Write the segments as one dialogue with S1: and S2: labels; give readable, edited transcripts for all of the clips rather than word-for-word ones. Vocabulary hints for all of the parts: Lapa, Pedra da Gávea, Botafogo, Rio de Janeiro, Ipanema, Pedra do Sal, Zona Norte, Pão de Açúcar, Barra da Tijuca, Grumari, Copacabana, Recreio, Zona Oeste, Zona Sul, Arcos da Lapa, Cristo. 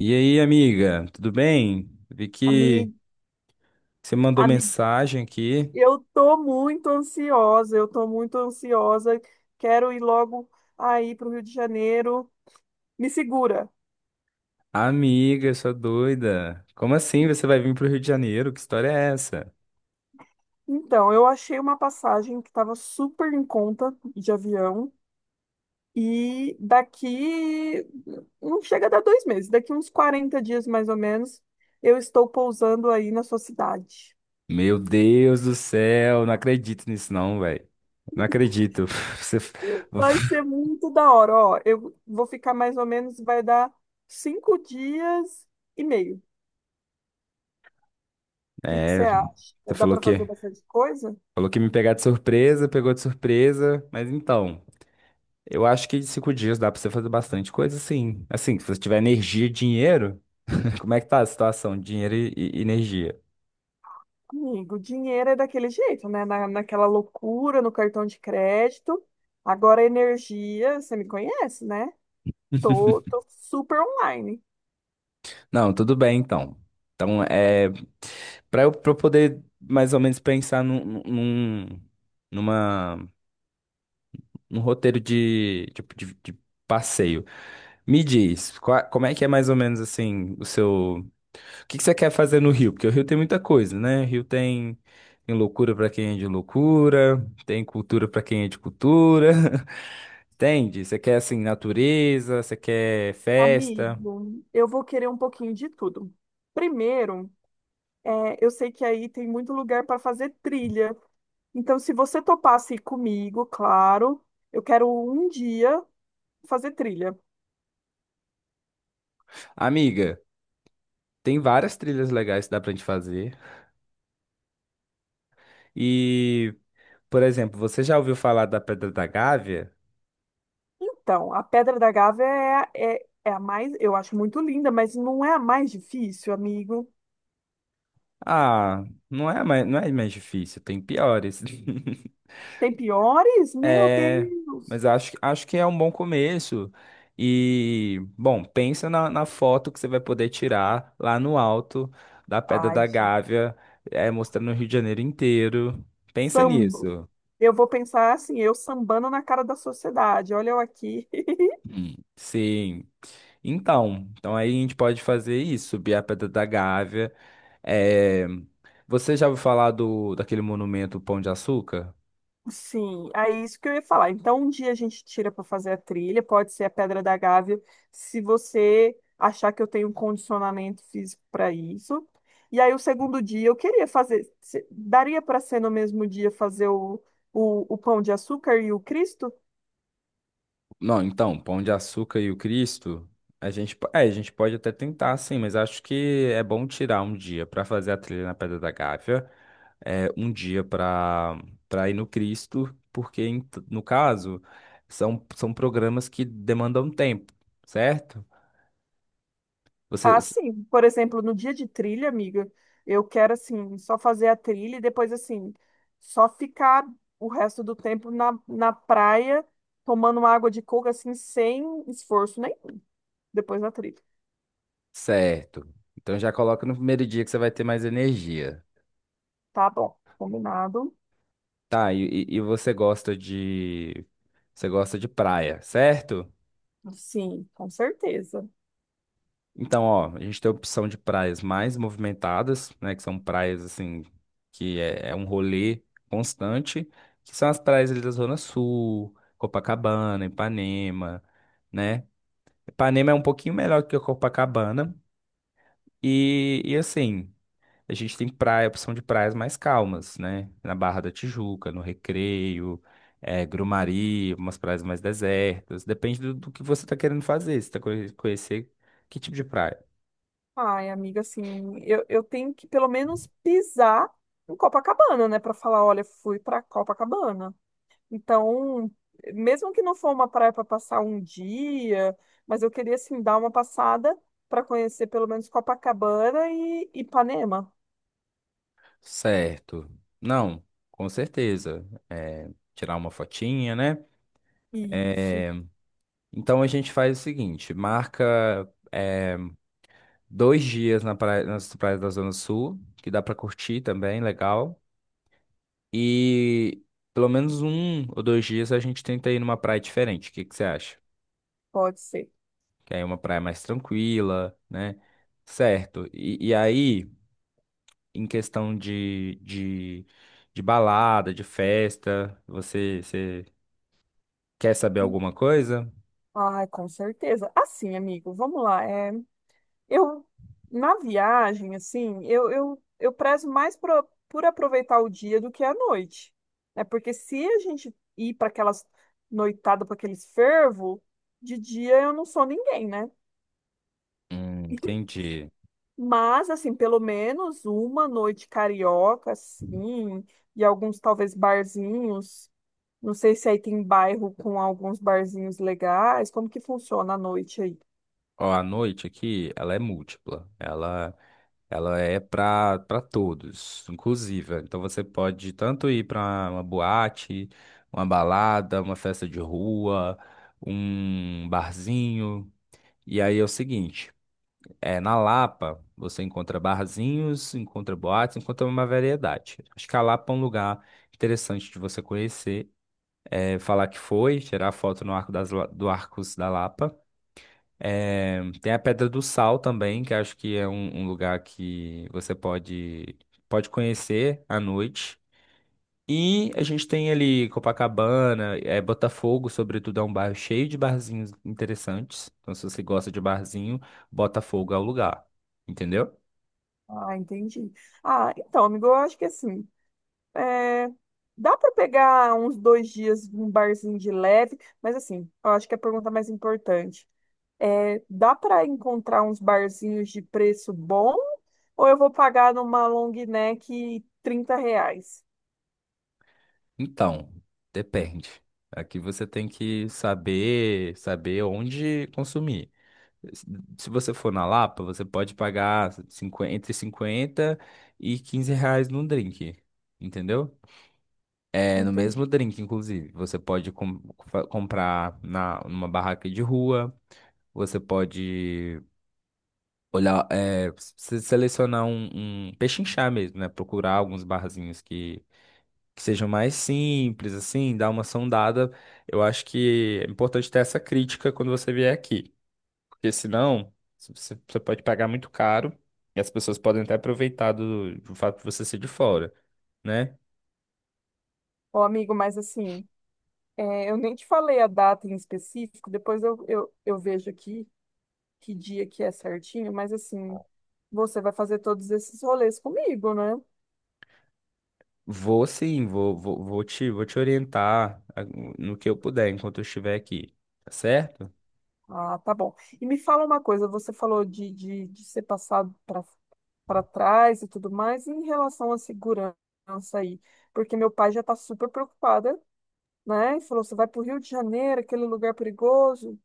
S1: E aí, amiga, tudo bem? Vi que
S2: Amigo,
S1: você mandou
S2: amigo,
S1: mensagem aqui.
S2: eu tô muito ansiosa, eu tô muito ansiosa. Quero ir logo aí para o Rio de Janeiro. Me segura.
S1: Amiga, sua doida. Como assim você vai vir pro Rio de Janeiro? Que história é essa?
S2: Então, eu achei uma passagem que estava super em conta de avião e daqui não chega a dar 2 meses, daqui uns 40 dias mais ou menos, eu estou pousando aí na sua cidade.
S1: Meu Deus do céu, não acredito nisso não, velho. Não acredito. Você
S2: Vai ser muito da hora, ó. Eu vou ficar mais ou menos, vai dar 5 dias e meio. Que você acha?
S1: você
S2: Dá para fazer bastante coisa?
S1: falou que me pegar de surpresa, pegou de surpresa, mas então, eu acho que em cinco dias dá pra você fazer bastante coisa, sim. Assim, se você tiver energia e dinheiro, como é que tá a situação? Dinheiro e energia?
S2: Amigo, dinheiro é daquele jeito, né? Naquela loucura no cartão de crédito. Agora energia, você me conhece, né? Tô super online.
S1: Não, tudo bem então. Então, para eu, pra eu poder mais ou menos pensar numa, num roteiro de passeio. Me diz, como é que é mais ou menos assim o seu. O que que você quer fazer no Rio? Porque o Rio tem muita coisa, né? O Rio tem, tem loucura pra quem é de loucura, tem cultura pra quem é de cultura. Entende? Você quer assim natureza, você quer festa.
S2: Amigo, eu vou querer um pouquinho de tudo. Primeiro, eu sei que aí tem muito lugar para fazer trilha. Então, se você topasse ir comigo, claro, eu quero um dia fazer trilha.
S1: Amiga, tem várias trilhas legais que dá pra gente fazer. E, por exemplo, você já ouviu falar da Pedra da Gávea?
S2: Então, a Pedra da Gávea é a mais, eu acho muito linda, mas não é a mais difícil, amigo.
S1: Ah, não é mais difícil, tem piores.
S2: Tem piores? Meu
S1: É,
S2: Deus!
S1: mas acho que é um bom começo. E, bom, pensa na foto que você vai poder tirar lá no alto da Pedra
S2: Ai,
S1: da
S2: gente.
S1: Gávea, é, mostrando o Rio de Janeiro inteiro. Pensa
S2: Sambo.
S1: nisso.
S2: Eu vou pensar assim, eu sambando na cara da sociedade. Olha eu aqui.
S1: Hum. Sim. Então, então aí a gente pode fazer isso, subir a Pedra da Gávea. É, você já ouviu falar daquele monumento Pão de Açúcar?
S2: Sim, é isso que eu ia falar. Então, um dia a gente tira para fazer a trilha, pode ser a Pedra da Gávea, se você achar que eu tenho um condicionamento físico para isso. E aí, o segundo dia, eu queria fazer. Daria para ser no mesmo dia fazer o Pão de Açúcar e o Cristo?
S1: Não, então, Pão de Açúcar e o Cristo, a gente, a gente pode até tentar, sim, mas acho que é bom tirar um dia para fazer a trilha na Pedra da Gávea, é, um dia para ir no Cristo, porque no caso são, são programas que demandam tempo, certo? Você,
S2: Ah, sim. Por exemplo, no dia de trilha, amiga, eu quero, assim, só fazer a trilha e depois, assim, só ficar o resto do tempo na praia. Tomando uma água de coco assim, sem esforço depois da trilha.
S1: certo. Então já coloca no primeiro dia que você vai ter mais energia.
S2: Tá bom, combinado.
S1: Tá, e, e você gosta de. Você gosta de praia, certo?
S2: Sim, com certeza.
S1: Então, ó, a gente tem a opção de praias mais movimentadas, né? Que são praias assim, que é, é um rolê constante, que são as praias ali da Zona Sul, Copacabana, Ipanema, né? Ipanema é um pouquinho melhor que a Copacabana. E assim. A gente tem praia, opção de praias mais calmas, né? Na Barra da Tijuca, no Recreio, Grumari, umas praias mais desertas. Depende do que você está querendo fazer. Você está conhecer que tipo de praia?
S2: Ai, amiga, assim, eu tenho que pelo menos pisar em Copacabana, né? Pra falar, olha, fui pra Copacabana. Então, mesmo que não for uma praia pra passar um dia, mas eu queria, assim, dar uma passada pra conhecer pelo menos Copacabana e Ipanema.
S1: Certo. Não, com certeza. Tirar uma fotinha, né?
S2: Isso,
S1: Eh, então a gente faz o seguinte: marca dois dias na praia, nas praias da Zona Sul, que dá para curtir também, legal. E pelo menos um ou dois dias a gente tenta ir numa praia diferente. O que que você acha?
S2: pode ser.
S1: Que aí é uma praia mais tranquila, né? Certo. E aí, em questão de balada, de festa, você, você quer saber alguma coisa?
S2: Ai, com certeza. Assim, amigo, vamos lá. Eu, na viagem, assim, eu prezo mais por aproveitar o dia do que a noite. Né? Porque se a gente ir para aquelas noitadas, para aqueles fervo, de dia eu não sou ninguém, né?
S1: Entendi.
S2: Mas, assim, pelo menos uma noite carioca, assim, e alguns talvez barzinhos. Não sei se aí tem bairro com alguns barzinhos legais. Como que funciona a noite aí?
S1: Ó, a noite aqui, ela é múltipla. Ela. Ela é para todos, inclusive. Então você pode tanto ir para uma boate, uma balada, uma festa de rua, um barzinho. E aí é o seguinte, é na Lapa você encontra barzinhos, encontra boates, encontra uma variedade. Acho que a Lapa é um lugar interessante de você conhecer, é, falar que foi, tirar foto no arco das, La- do Arcos da Lapa. É, tem a Pedra do Sal também, que acho que é um, um lugar que você pode, pode conhecer à noite. E a gente tem ali Copacabana, é, Botafogo, sobretudo, é um bairro cheio de barzinhos interessantes. Então, se você gosta de barzinho, Botafogo é o lugar. Entendeu?
S2: Ah, entendi. Ah, então, amigo, eu acho que assim. É, dá para pegar uns 2 dias num barzinho de leve, mas assim, eu acho que é a pergunta mais importante dá para encontrar uns barzinhos de preço bom ou eu vou pagar numa long neck R$ 30?
S1: Então, depende. Aqui você tem que saber, saber onde consumir. Se você for na Lapa, você pode pagar 50 entre 50 e 15 reais num drink, entendeu? É, no
S2: Entende?
S1: mesmo drink, inclusive. Você pode comprar numa barraca de rua, você pode olhar, é, selecionar um, um pechinchar mesmo, né? Procurar alguns barzinhos que sejam mais simples, assim, dar uma sondada. Eu acho que é importante ter essa crítica quando você vier aqui. Porque senão, se você pode pagar muito caro e as pessoas podem até aproveitar do fato de você ser de fora, né?
S2: Ô, amigo, mas assim, eu nem te falei a data em específico, depois eu vejo aqui que dia que é certinho, mas assim, você vai fazer todos esses rolês comigo, né?
S1: Vou sim, vou vou te orientar ah, no que eu puder enquanto eu estiver aqui, tá certo?
S2: Ah, tá bom. E me fala uma coisa, você falou de ser passado para trás e tudo mais, e em relação à segurança aí, porque meu pai já está super preocupada, né? E falou, você vai para o Rio de Janeiro, aquele lugar perigoso.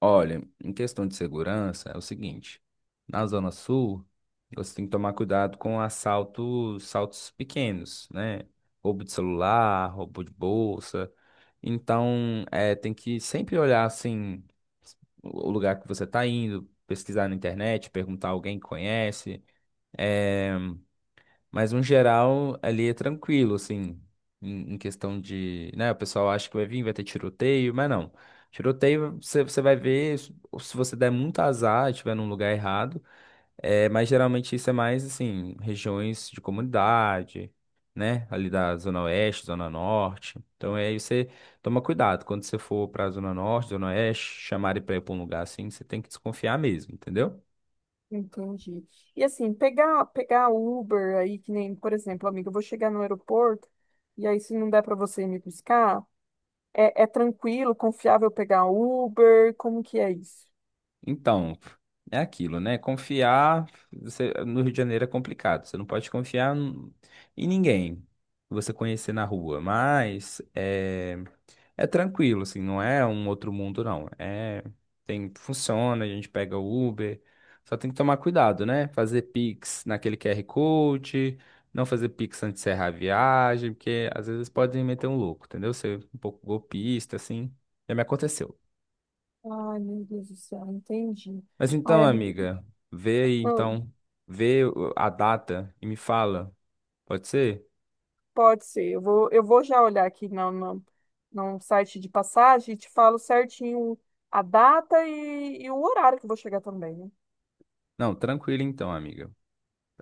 S1: Olha, em questão de segurança, é o seguinte: na Zona Sul, você tem que tomar cuidado com assaltos, assaltos pequenos, né? Roubo de celular, roubo de bolsa. Então, é, tem que sempre olhar assim o lugar que você está indo, pesquisar na internet, perguntar a alguém que conhece. Mas, no geral, ali é tranquilo, assim, em questão de, né, o pessoal acha que vai vir, vai ter tiroteio, mas não. Tiroteio, você vai ver se você der muito azar, estiver num lugar errado, é, mas geralmente isso é mais, assim, regiões de comunidade, né, ali da Zona Oeste, Zona Norte. Então, aí você toma cuidado, quando você for pra Zona Norte, Zona Oeste, chamarem pra ir pra um lugar assim, você tem que desconfiar mesmo, entendeu?
S2: Entendi. E assim, pegar Uber aí, que nem, por exemplo, amiga, eu vou chegar no aeroporto, e aí se não der para você ir me buscar, é tranquilo, confiável pegar Uber? Como que é isso?
S1: Então, é aquilo, né? Confiar você- no Rio de Janeiro é complicado. Você não pode confiar em ninguém que você conhecer na rua. Mas é, é tranquilo, assim, não é um outro mundo, não. É, tem, funciona, a gente pega o Uber. Só tem que tomar cuidado, né? Fazer Pix naquele QR Code, não fazer Pix antes de encerrar a viagem, porque às vezes podem meter um louco, entendeu? Ser um pouco golpista, assim. Já me aconteceu.
S2: Ai, meu Deus do céu, entendi.
S1: Mas
S2: Ai,
S1: então,
S2: amiga.
S1: amiga, vê aí então, a data e me fala. Pode ser?
S2: Pode ser. Eu vou já olhar aqui no site de passagem e te falo certinho a data e o horário que eu vou chegar também, né?
S1: Não, tranquilo então, amiga.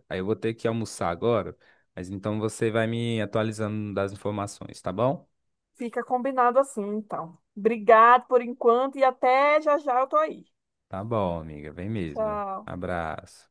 S1: Aí eu vou ter que almoçar agora, mas então você vai me atualizando das informações, tá bom?
S2: Fica combinado assim, então. Obrigado por enquanto e até já já eu tô aí.
S1: Tá bom, amiga, vem mesmo.
S2: Tchau.
S1: Abraço.